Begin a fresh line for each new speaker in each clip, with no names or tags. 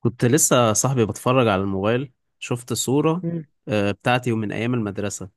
كنت لسه صاحبي بتفرج على الموبايل، شفت صورة
مم.
بتاعتي ومن أيام المدرسة.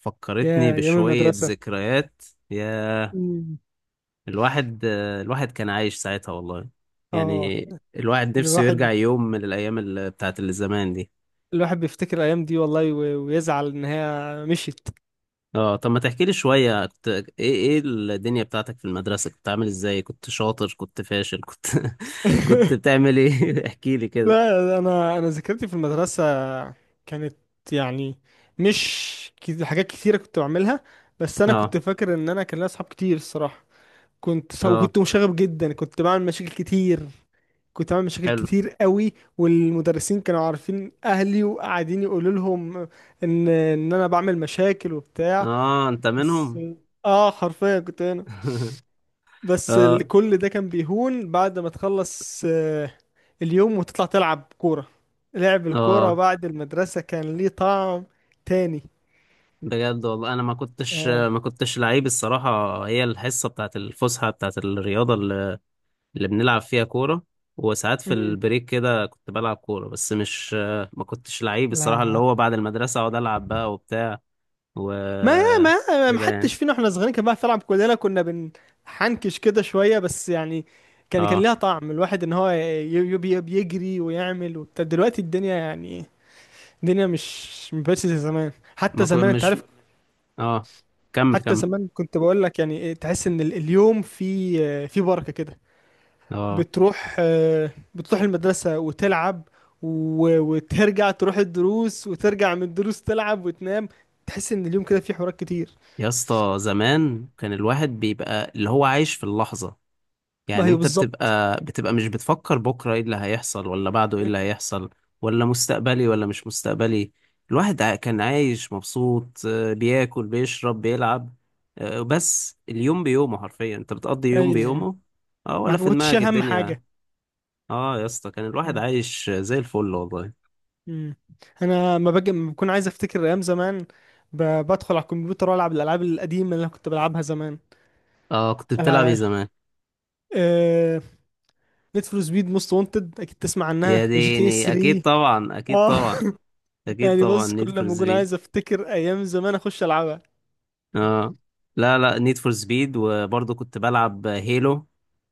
فكرتني
يا أيام
بشوية
المدرسة.
ذكريات يا.
مم.
الواحد كان عايش ساعتها والله.
اه،
يعني الواحد نفسه يرجع
الواحد
يوم من الأيام بتاعت اللي زمان دي.
الواحد بيفتكر الأيام دي والله ويزعل إن هي مشيت.
اه، طب ما تحكي لي شوية، كنت إيه الدنيا بتاعتك في المدرسة؟ كنت عامل إزاي؟ كنت شاطر؟ كنت فاشل؟ كنت كنت بتعمل إيه؟ احكي لي كده.
لا، أنا ذاكرتي في المدرسة كانت يعني مش حاجات كتيرة كنت بعملها. بس أنا كنت
اه،
فاكر إن أنا كان لي أصحاب كتير الصراحة.
اه،
وكنت مشاغب جدا، كنت بعمل مشاكل كتير. كنت بعمل مشاكل
حلو.
كتير قوي. والمدرسين كانوا عارفين أهلي وقاعدين يقولوا لهم إن أنا بعمل مشاكل وبتاع.
اه، أنت
بس
منهم.
اه حرفيا كنت هنا. بس
اه،
كل ده كان بيهون بعد ما تخلص اليوم وتطلع تلعب كورة. لعب الكورة
اه.
بعد المدرسة كان ليه طعم تاني.
بجد والله، انا ما كنتش
اه.
ما كنتش لعيب الصراحه. هي الحصه بتاعت الفسحه بتاعت الرياضه اللي بنلعب فيها كوره. وساعات في
مم.
البريك كده كنت بلعب كوره، بس مش، ما كنتش لعيب الصراحه، اللي
لا،
هو بعد المدرسه اقعد العب بقى وبتاع. و
ما ما
كده يعني.
حدش فينا احنا صغيرين كان بيعرف يلعب، كلنا كنا بنحنكش كده شوية بس يعني كان
اه،
ليها طعم، الواحد ان هو بيجري ويعمل وبتاع. دلوقتي الدنيا يعني الدنيا مش مبقتش زي زمان. حتى
ما كنت،
زمان انت
مش،
عارف،
اه، كمل
حتى
كمل.
زمان كنت بقول لك يعني إيه، تحس ان اليوم في بركة كده.
اه،
بتروح المدرسة وتلعب وترجع تروح الدروس، وترجع من الدروس تلعب وتنام. تحس ان اليوم كده فيه حوارات كتير.
يا اسطى، زمان كان الواحد بيبقى اللي هو عايش في اللحظه.
ما
يعني
هي
انت
بالظبط.
بتبقى مش بتفكر بكرة ايه اللي هيحصل ولا بعده ايه اللي هيحصل، ولا مستقبلي ولا مش مستقبلي. الواحد كان عايش مبسوط، بياكل بيشرب بيلعب. بس اليوم بيومه حرفيا انت بتقضي يوم
ايوه،
بيومه. اه،
ما
ولا في
كنتش
دماغك
شايل هم
الدنيا.
حاجة.
اه، يا اسطى كان الواحد عايش زي الفل والله.
مم. انا ما باجي ما بكون عايز افتكر ايام زمان، بدخل على الكمبيوتر والعب الالعاب القديمة اللي انا كنت بلعبها زمان.
اه، كنت بتلعب ايه
ألع-
زمان؟
آه، نيد فور سبيد موست وانتد، اكيد تسمع
يا
عنها جي تي اس
ديني، اكيد
3.
طبعا، اكيد
اه.
طبعا، اكيد
يعني
طبعا،
بص،
نيد
كل
فور.
ما اكون عايز افتكر ايام زمان اخش العبها.
اه، لا لا، نيد فور سبيد. وبرضه كنت بلعب هيلو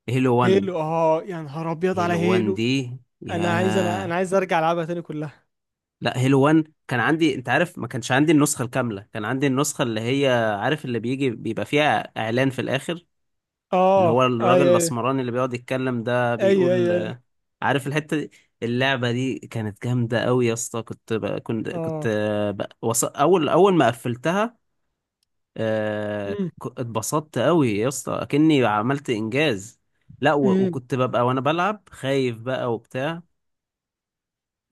هيلو 1.
هيلو. اه، يا نهار ابيض على
هيلو 1
هيلو.
دي،
انا عايز انا انا
يا.
عايز ارجع العبها تاني كلها.
لا، هيلو 1 كان عندي، انت عارف ما كانش عندي النسخة الكاملة، كان عندي النسخة اللي هي، عارف اللي بيجي بيبقى فيها اعلان في الاخر، اللي
اه،
هو
اي
الراجل
اي
الاسمراني اللي بيقعد يتكلم ده،
اي اي
بيقول
اي.
عارف الحتة دي. اللعبة دي كانت جامدة قوي يا اسطى. كنت كنت
اه.
اول ما قفلتها. آه،
امم
ك- اتبسطت قوي يا اسطى، اكني عملت انجاز. لا،
امم
وكنت ببقى وانا بلعب خايف بقى وبتاع،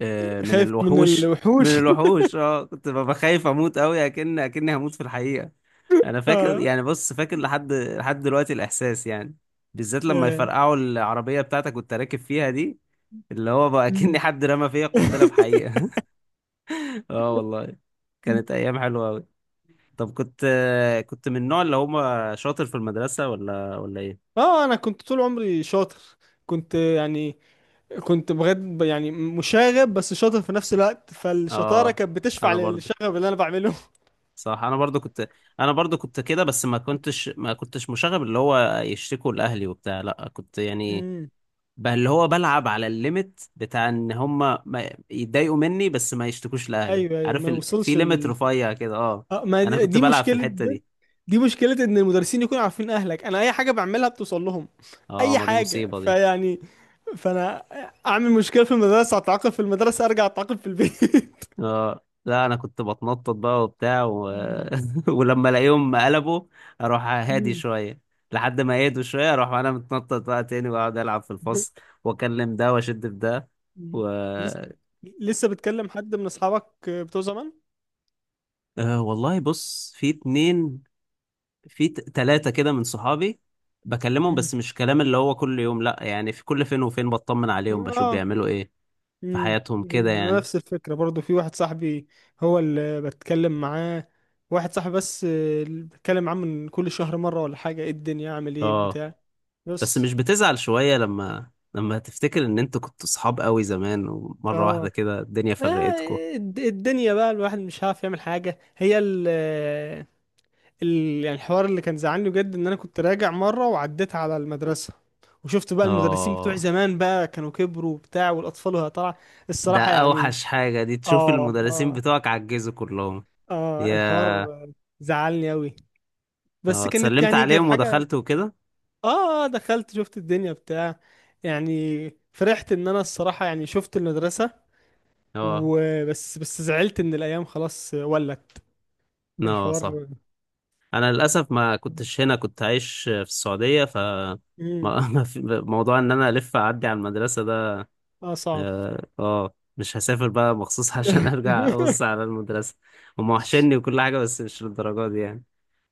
من
خايف من
الوحوش.
الوحوش.
من الوحوش، اه كنت ببقى خايف اموت قوي، اكني هموت في الحقيقة. انا فاكر،
اه.
يعني بص فاكر لحد دلوقتي الاحساس يعني، بالذات لما
آه.
يفرقعوا العربية بتاعتك كنت راكب فيها دي، اللي هو بقى اكني
أمم.
حد رمى فيا قنبلة بحقيقة. اه والله. كانت ايام حلوة أوي. طب كنت من النوع اللي هما شاطر في المدرسة، ولا ايه؟
اه. انا كنت طول عمري شاطر، كنت يعني كنت بجد يعني مشاغب بس شاطر في نفس الوقت، فالشطاره
اه،
كانت بتشفع
انا برضو.
للشغب اللي انا بعمله.
صح، انا برضو كنت. انا برضو كنت كده، بس ما كنتش مشاغب اللي هو يشتكوا لاهلي وبتاع، لا، كنت يعني،
امم.
بقى اللي هو بلعب على الليميت بتاع ان هما ما يتضايقوا مني، بس ما يشتكوش لاهلي،
ايوه، ايوه،
عارف
ما
في
وصلش.
ليميت رفيع كده، اه.
اه، ما
انا
دي
كنت
دي
بلعب في
مشكلة
الحتة
ده.
دي.
دي مشكلة ان المدرسين يكونوا عارفين اهلك، انا اي حاجة بعملها بتوصل لهم.
اه،
اي
ما دي
حاجة،
مصيبة دي.
فيعني، فانا اعمل مشكلة في المدرسة، اتعاقب في المدرسة، ارجع اتعاقب في البيت.
اه، لا، انا كنت بتنطط بقى وبتاع
مم.
ولما الاقيهم قلبوا، اروح هادي شويه، لحد ما يهدوا شويه اروح انا متنطط بقى تاني واقعد العب في
مم.
الفصل، واكلم ده واشد في ده
مم.
و...
لسه لسه بتكلم حد من اصحابك بتوع زمان؟
آه والله، بص في اتنين، في تلاتة كده من صحابي، بكلمهم.
مم.
بس مش كلام اللي هو كل يوم، لا، يعني في كل فين وفين بطمن عليهم، بشوف
اه.
بيعملوا ايه في
مم.
حياتهم كده يعني.
نفس الفكرة برضو، في واحد صاحبي هو اللي بتكلم معاه، واحد صاحبي بس اللي بتكلم معاه من كل شهر مرة ولا حاجة، ايه الدنيا، اعمل ايه،
اه،
بتاع.
بس مش
بس.
بتزعل شوية لما تفتكر ان انتوا كنتوا صحاب قوي زمان، ومرة واحدة
اه.
كده الدنيا فرقتكم.
آه، الدنيا بقى الواحد مش عارف يعمل حاجة، هي يعني الحوار اللي كان زعلني بجد ان انا كنت راجع مرة وعديت على المدرسة، وشفت بقى المدرسين بتوع
اه،
زمان بقى كانوا كبروا وبتاع، والاطفال وهي طالعة.
ده
الصراحة يعني.
اوحش حاجة، دي تشوف
اه
المدرسين
اه
بتوعك عجزوا كلهم.
اه،
يا.
الحوار زعلني أوي.
اه،
بس كانت
اتسلمت
يعني كانت
عليهم
حاجة.
ودخلت وكده.
اه. دخلت شفت الدنيا بتاع. يعني فرحت ان انا الصراحة يعني شفت المدرسة،
اه،
وبس زعلت ان الايام خلاص ولت.
اه، صح.
الحوار.
انا للاسف ما كنتش هنا، كنت عايش في السعودية، ف
مم.
ما في- موضوع ان انا الف اعدي على المدرسة ده.
اه، صعب.
اه، مش هسافر بقى مخصوص عشان ارجع ابص على المدرسة. هم وحشني وكل حاجة، بس مش للدرجة دي يعني.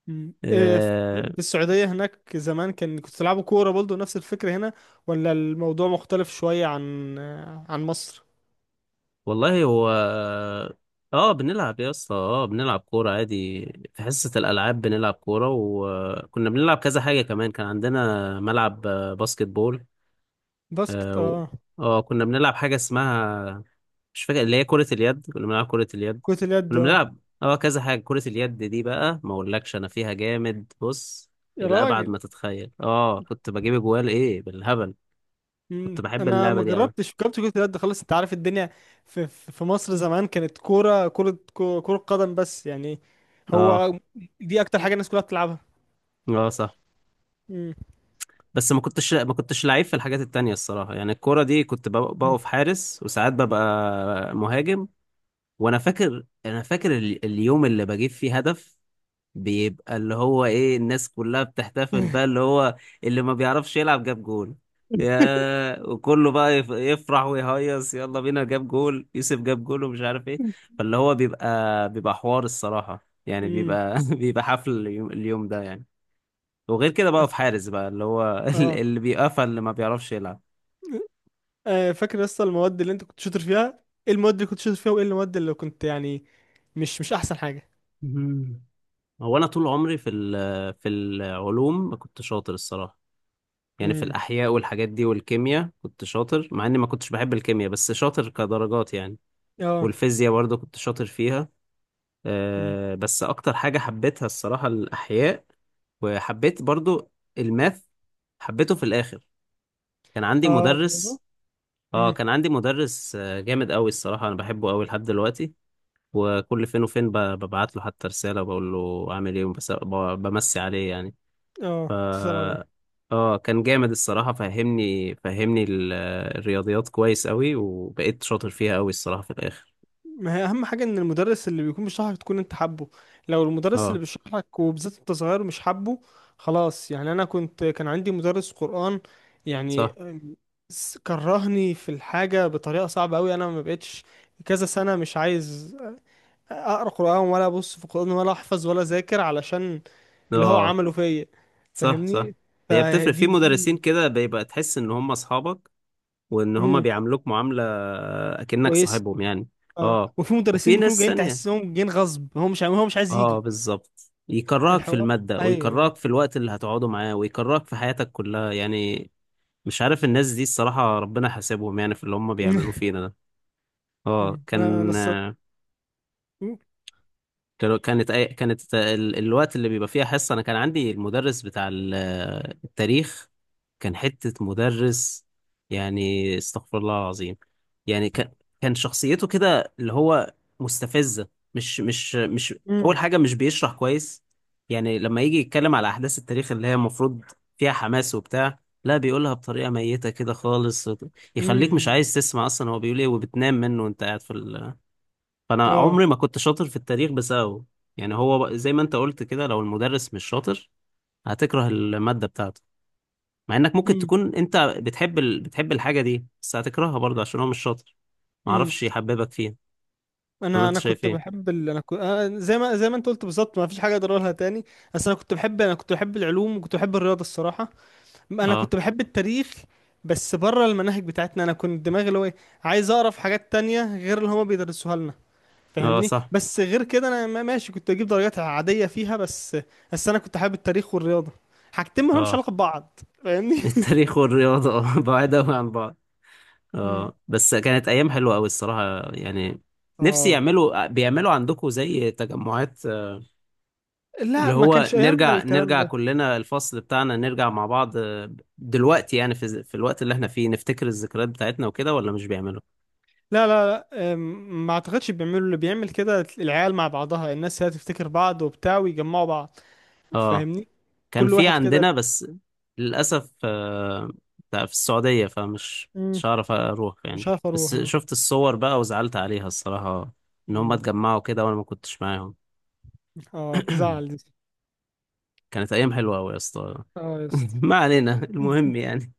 مم.
آه
في السعودية هناك زمان كان كنت تلعبوا كورة برضه نفس الفكرة هنا، ولا الموضوع مختلف شوية عن مصر؟
والله. هو، اه، بنلعب يا اسطى. اه، بنلعب كورة عادي. في حصة الألعاب بنلعب كورة، وكنا بنلعب كذا حاجة كمان. كان عندنا ملعب باسكت بول،
باسكت.
اه،
اه.
كنا بنلعب حاجة اسمها، مش فاكر، اللي هي كرة اليد. كنا بنلعب كرة اليد،
كرة اليد.
كنا
اه.
بنلعب، اه، كذا حاجة. كرة اليد دي بقى، ما اقولكش انا فيها جامد، بص،
يا
إلى أبعد ما
راجل.
تتخيل. اه، كنت بجيب جوال ايه بالهبل، كنت
مم.
بحب
انا
اللعبة
ما
دي أوي.
جربتش، جربت كره اليد خالص، انت عارف الدنيا. في مصر زمان كانت كره قدم بس يعني.
اه،
هو دي اكتر حاجه الناس كلها بتلعبها.
اه، صح.
مم.
بس ما كنتش لعيب في الحاجات التانية الصراحة يعني، الكورة دي كنت بقف حارس، وساعات ببقى مهاجم. وانا فاكر اليوم اللي بجيب فيه هدف، بيبقى اللي هو ايه، الناس كلها بتحتفل بقى اللي هو، اللي ما بيعرفش يلعب جاب جول. يا، وكله بقى يفرح ويهيص، يلا بينا جاب جول، يوسف جاب جول، ومش عارف ايه. فاللي هو بيبقى حوار الصراحة يعني،
مم.
بيبقى بيبقى حفل اليوم ده يعني. وغير كده بقى، في حارس بقى اللي هو
اه.
اللي بيقفل، اللي ما بيعرفش يلعب.
فاكر لسه المواد اللي انت كنت شاطر فيها؟ ايه المواد اللي كنت شاطر فيها وايه المواد اللي كنت يعني مش احسن حاجه؟
مم. هو انا طول عمري في العلوم ما كنت شاطر الصراحه، يعني في
امم.
الاحياء والحاجات دي والكيمياء كنت شاطر، مع اني ما كنتش بحب الكيمياء بس شاطر كدرجات يعني.
اه.
والفيزياء برضه كنت شاطر فيها.
امم.
أه، بس اكتر حاجه حبيتها الصراحه الاحياء. وحبيت برضه الماث، حبيته في الاخر. كان عندي
اه. الرياضة؟
مدرس. اه،
امم.
كان عندي مدرس جامد قوي الصراحه، انا بحبه قوي لحد دلوقتي. وكل فين وفين ببعت له حتى رسالة وبقول له عامل ايه، بس بمسي عليه يعني. ف،
اه. تسأل على.
اه، كان جامد الصراحة، فهمني الرياضيات كويس قوي، وبقيت شاطر فيها قوي الصراحة في الآخر.
ما هي اهم حاجه ان المدرس اللي بيكون بيشرح لك تكون انت حابه. لو المدرس اللي
اه،
بيشرح لك وبالذات انت صغير مش حابه، خلاص يعني. انا كان عندي مدرس قرآن يعني
صح،
كرهني في الحاجه بطريقه صعبه قوي، انا ما بقتش كذا سنه مش عايز اقرا قرآن ولا ابص في القرآن ولا احفظ ولا اذاكر علشان اللي هو
اه،
عمله فيا.
صح، صح.
فاهمني.
هي بتفرق، في
فدي.
مدرسين كده بيبقى تحس ان هم اصحابك، وان هم
امم.
بيعاملوك معاملة اكنك
كويس.
صاحبهم يعني.
اه،
اه،
وفي مدرسين
وفي
بيكونوا
ناس
جايين
ثانية،
تحسهم جايين غصب، هو مش عايز
اه،
يجي.
بالظبط، يكرهك في
الحوار.
المادة،
ايوه.
ويكرهك في الوقت اللي هتقعده معاه، ويكرهك في حياتك كلها يعني. مش عارف الناس دي الصراحة، ربنا حاسبهم يعني في اللي هم
مم.
بيعملوه فينا ده. اه،
مم. انا
كان،
مم.
كانت كانت الوقت اللي بيبقى فيها حصة أنا، كان عندي المدرس بتاع التاريخ، كان حتة مدرس يعني، استغفر الله العظيم. يعني كان شخصيته كده اللي هو مستفزة. مش مش مش
مم.
أول حاجة مش بيشرح كويس، يعني لما يجي يتكلم على أحداث التاريخ اللي هي المفروض فيها حماس وبتاع، لا بيقولها بطريقة ميتة كده خالص، يخليك مش
مم.
عايز تسمع أصلا هو بيقول إيه، وبتنام منه وأنت قاعد في. فانا
اه.
عمري ما كنت شاطر في التاريخ بسببه. يعني هو زي ما انت قلت كده، لو المدرس مش شاطر هتكره المادة بتاعته، مع انك ممكن
مم.
تكون انت بتحب الحاجة دي، بس هتكرهها برضه عشان هو مش شاطر،
مم.
معرفش يحببك فيها. ولا
انا
انت
انا
شايف
كنت
ايه؟
بحب زي ما انت قلت بالظبط، ما فيش حاجه اقدر اقولها تاني. بس انا كنت بحب العلوم وكنت بحب الرياضه الصراحه. انا
اه،
كنت بحب التاريخ بس بره المناهج بتاعتنا، انا كنت دماغي اللي هو عايز اقرا في حاجات تانية غير اللي هما بيدرسوها لنا.
اه،
فاهمني.
صح،
بس غير كده انا ماشي، كنت اجيب درجات عاديه فيها، بس انا كنت حابب التاريخ والرياضه، حاجتين ما لهمش
اه.
علاقه ببعض، فاهمني.
التاريخ والرياضة، اه بعاد قوي عن بعض.
مم.
اه، بس كانت ايام حلوة قوي الصراحة يعني. نفسي
اه،
بيعملوا عندكم زي تجمعات، اللي
لا، ما
هو
كانش ايامنا
نرجع
الكلام
نرجع
ده.
كلنا الفصل بتاعنا نرجع مع بعض، دلوقتي يعني في الوقت اللي احنا فيه نفتكر الذكريات بتاعتنا وكده، ولا مش بيعملوا؟
لا لا لا. ما اعتقدش بيعملوا، اللي بيعمل كده العيال مع بعضها، الناس هي تفتكر بعض وبتاع ويجمعوا بعض،
اه،
فاهمني.
كان
كل
في
واحد كده.
عندنا بس للأسف، ده في السعودية، فمش
مم.
مش هعرف اروح يعني.
مش عارف اروح.
بس
اه.
شفت الصور بقى وزعلت عليها الصراحة، ان هم
مم.
اتجمعوا كده وانا ما كنتش معاهم.
تزعل دي.
كانت ايام حلوة قوي يا اسطى.
اه، يا اسطى.
ما علينا، المهم يعني،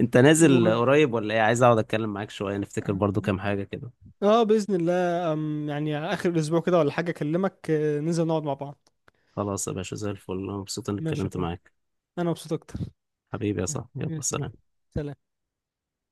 انت نازل
المهم
قريب ولا ايه؟ عايز اقعد اتكلم معاك شوية، نفتكر برضو كام حاجة كده.
اه باذن الله، يعني على اخر الاسبوع كده ولا حاجه، اكلمك، ننزل نقعد مع بعض.
خلاص يا باشا، زي الفل، أنا مبسوط إني
ماشي يا
اتكلمت
اخويا.
معاك.
انا مبسوط اكتر.
حبيبي يا صاحبي، يلا،
ماشي يا اخويا.
سلام.
سلام.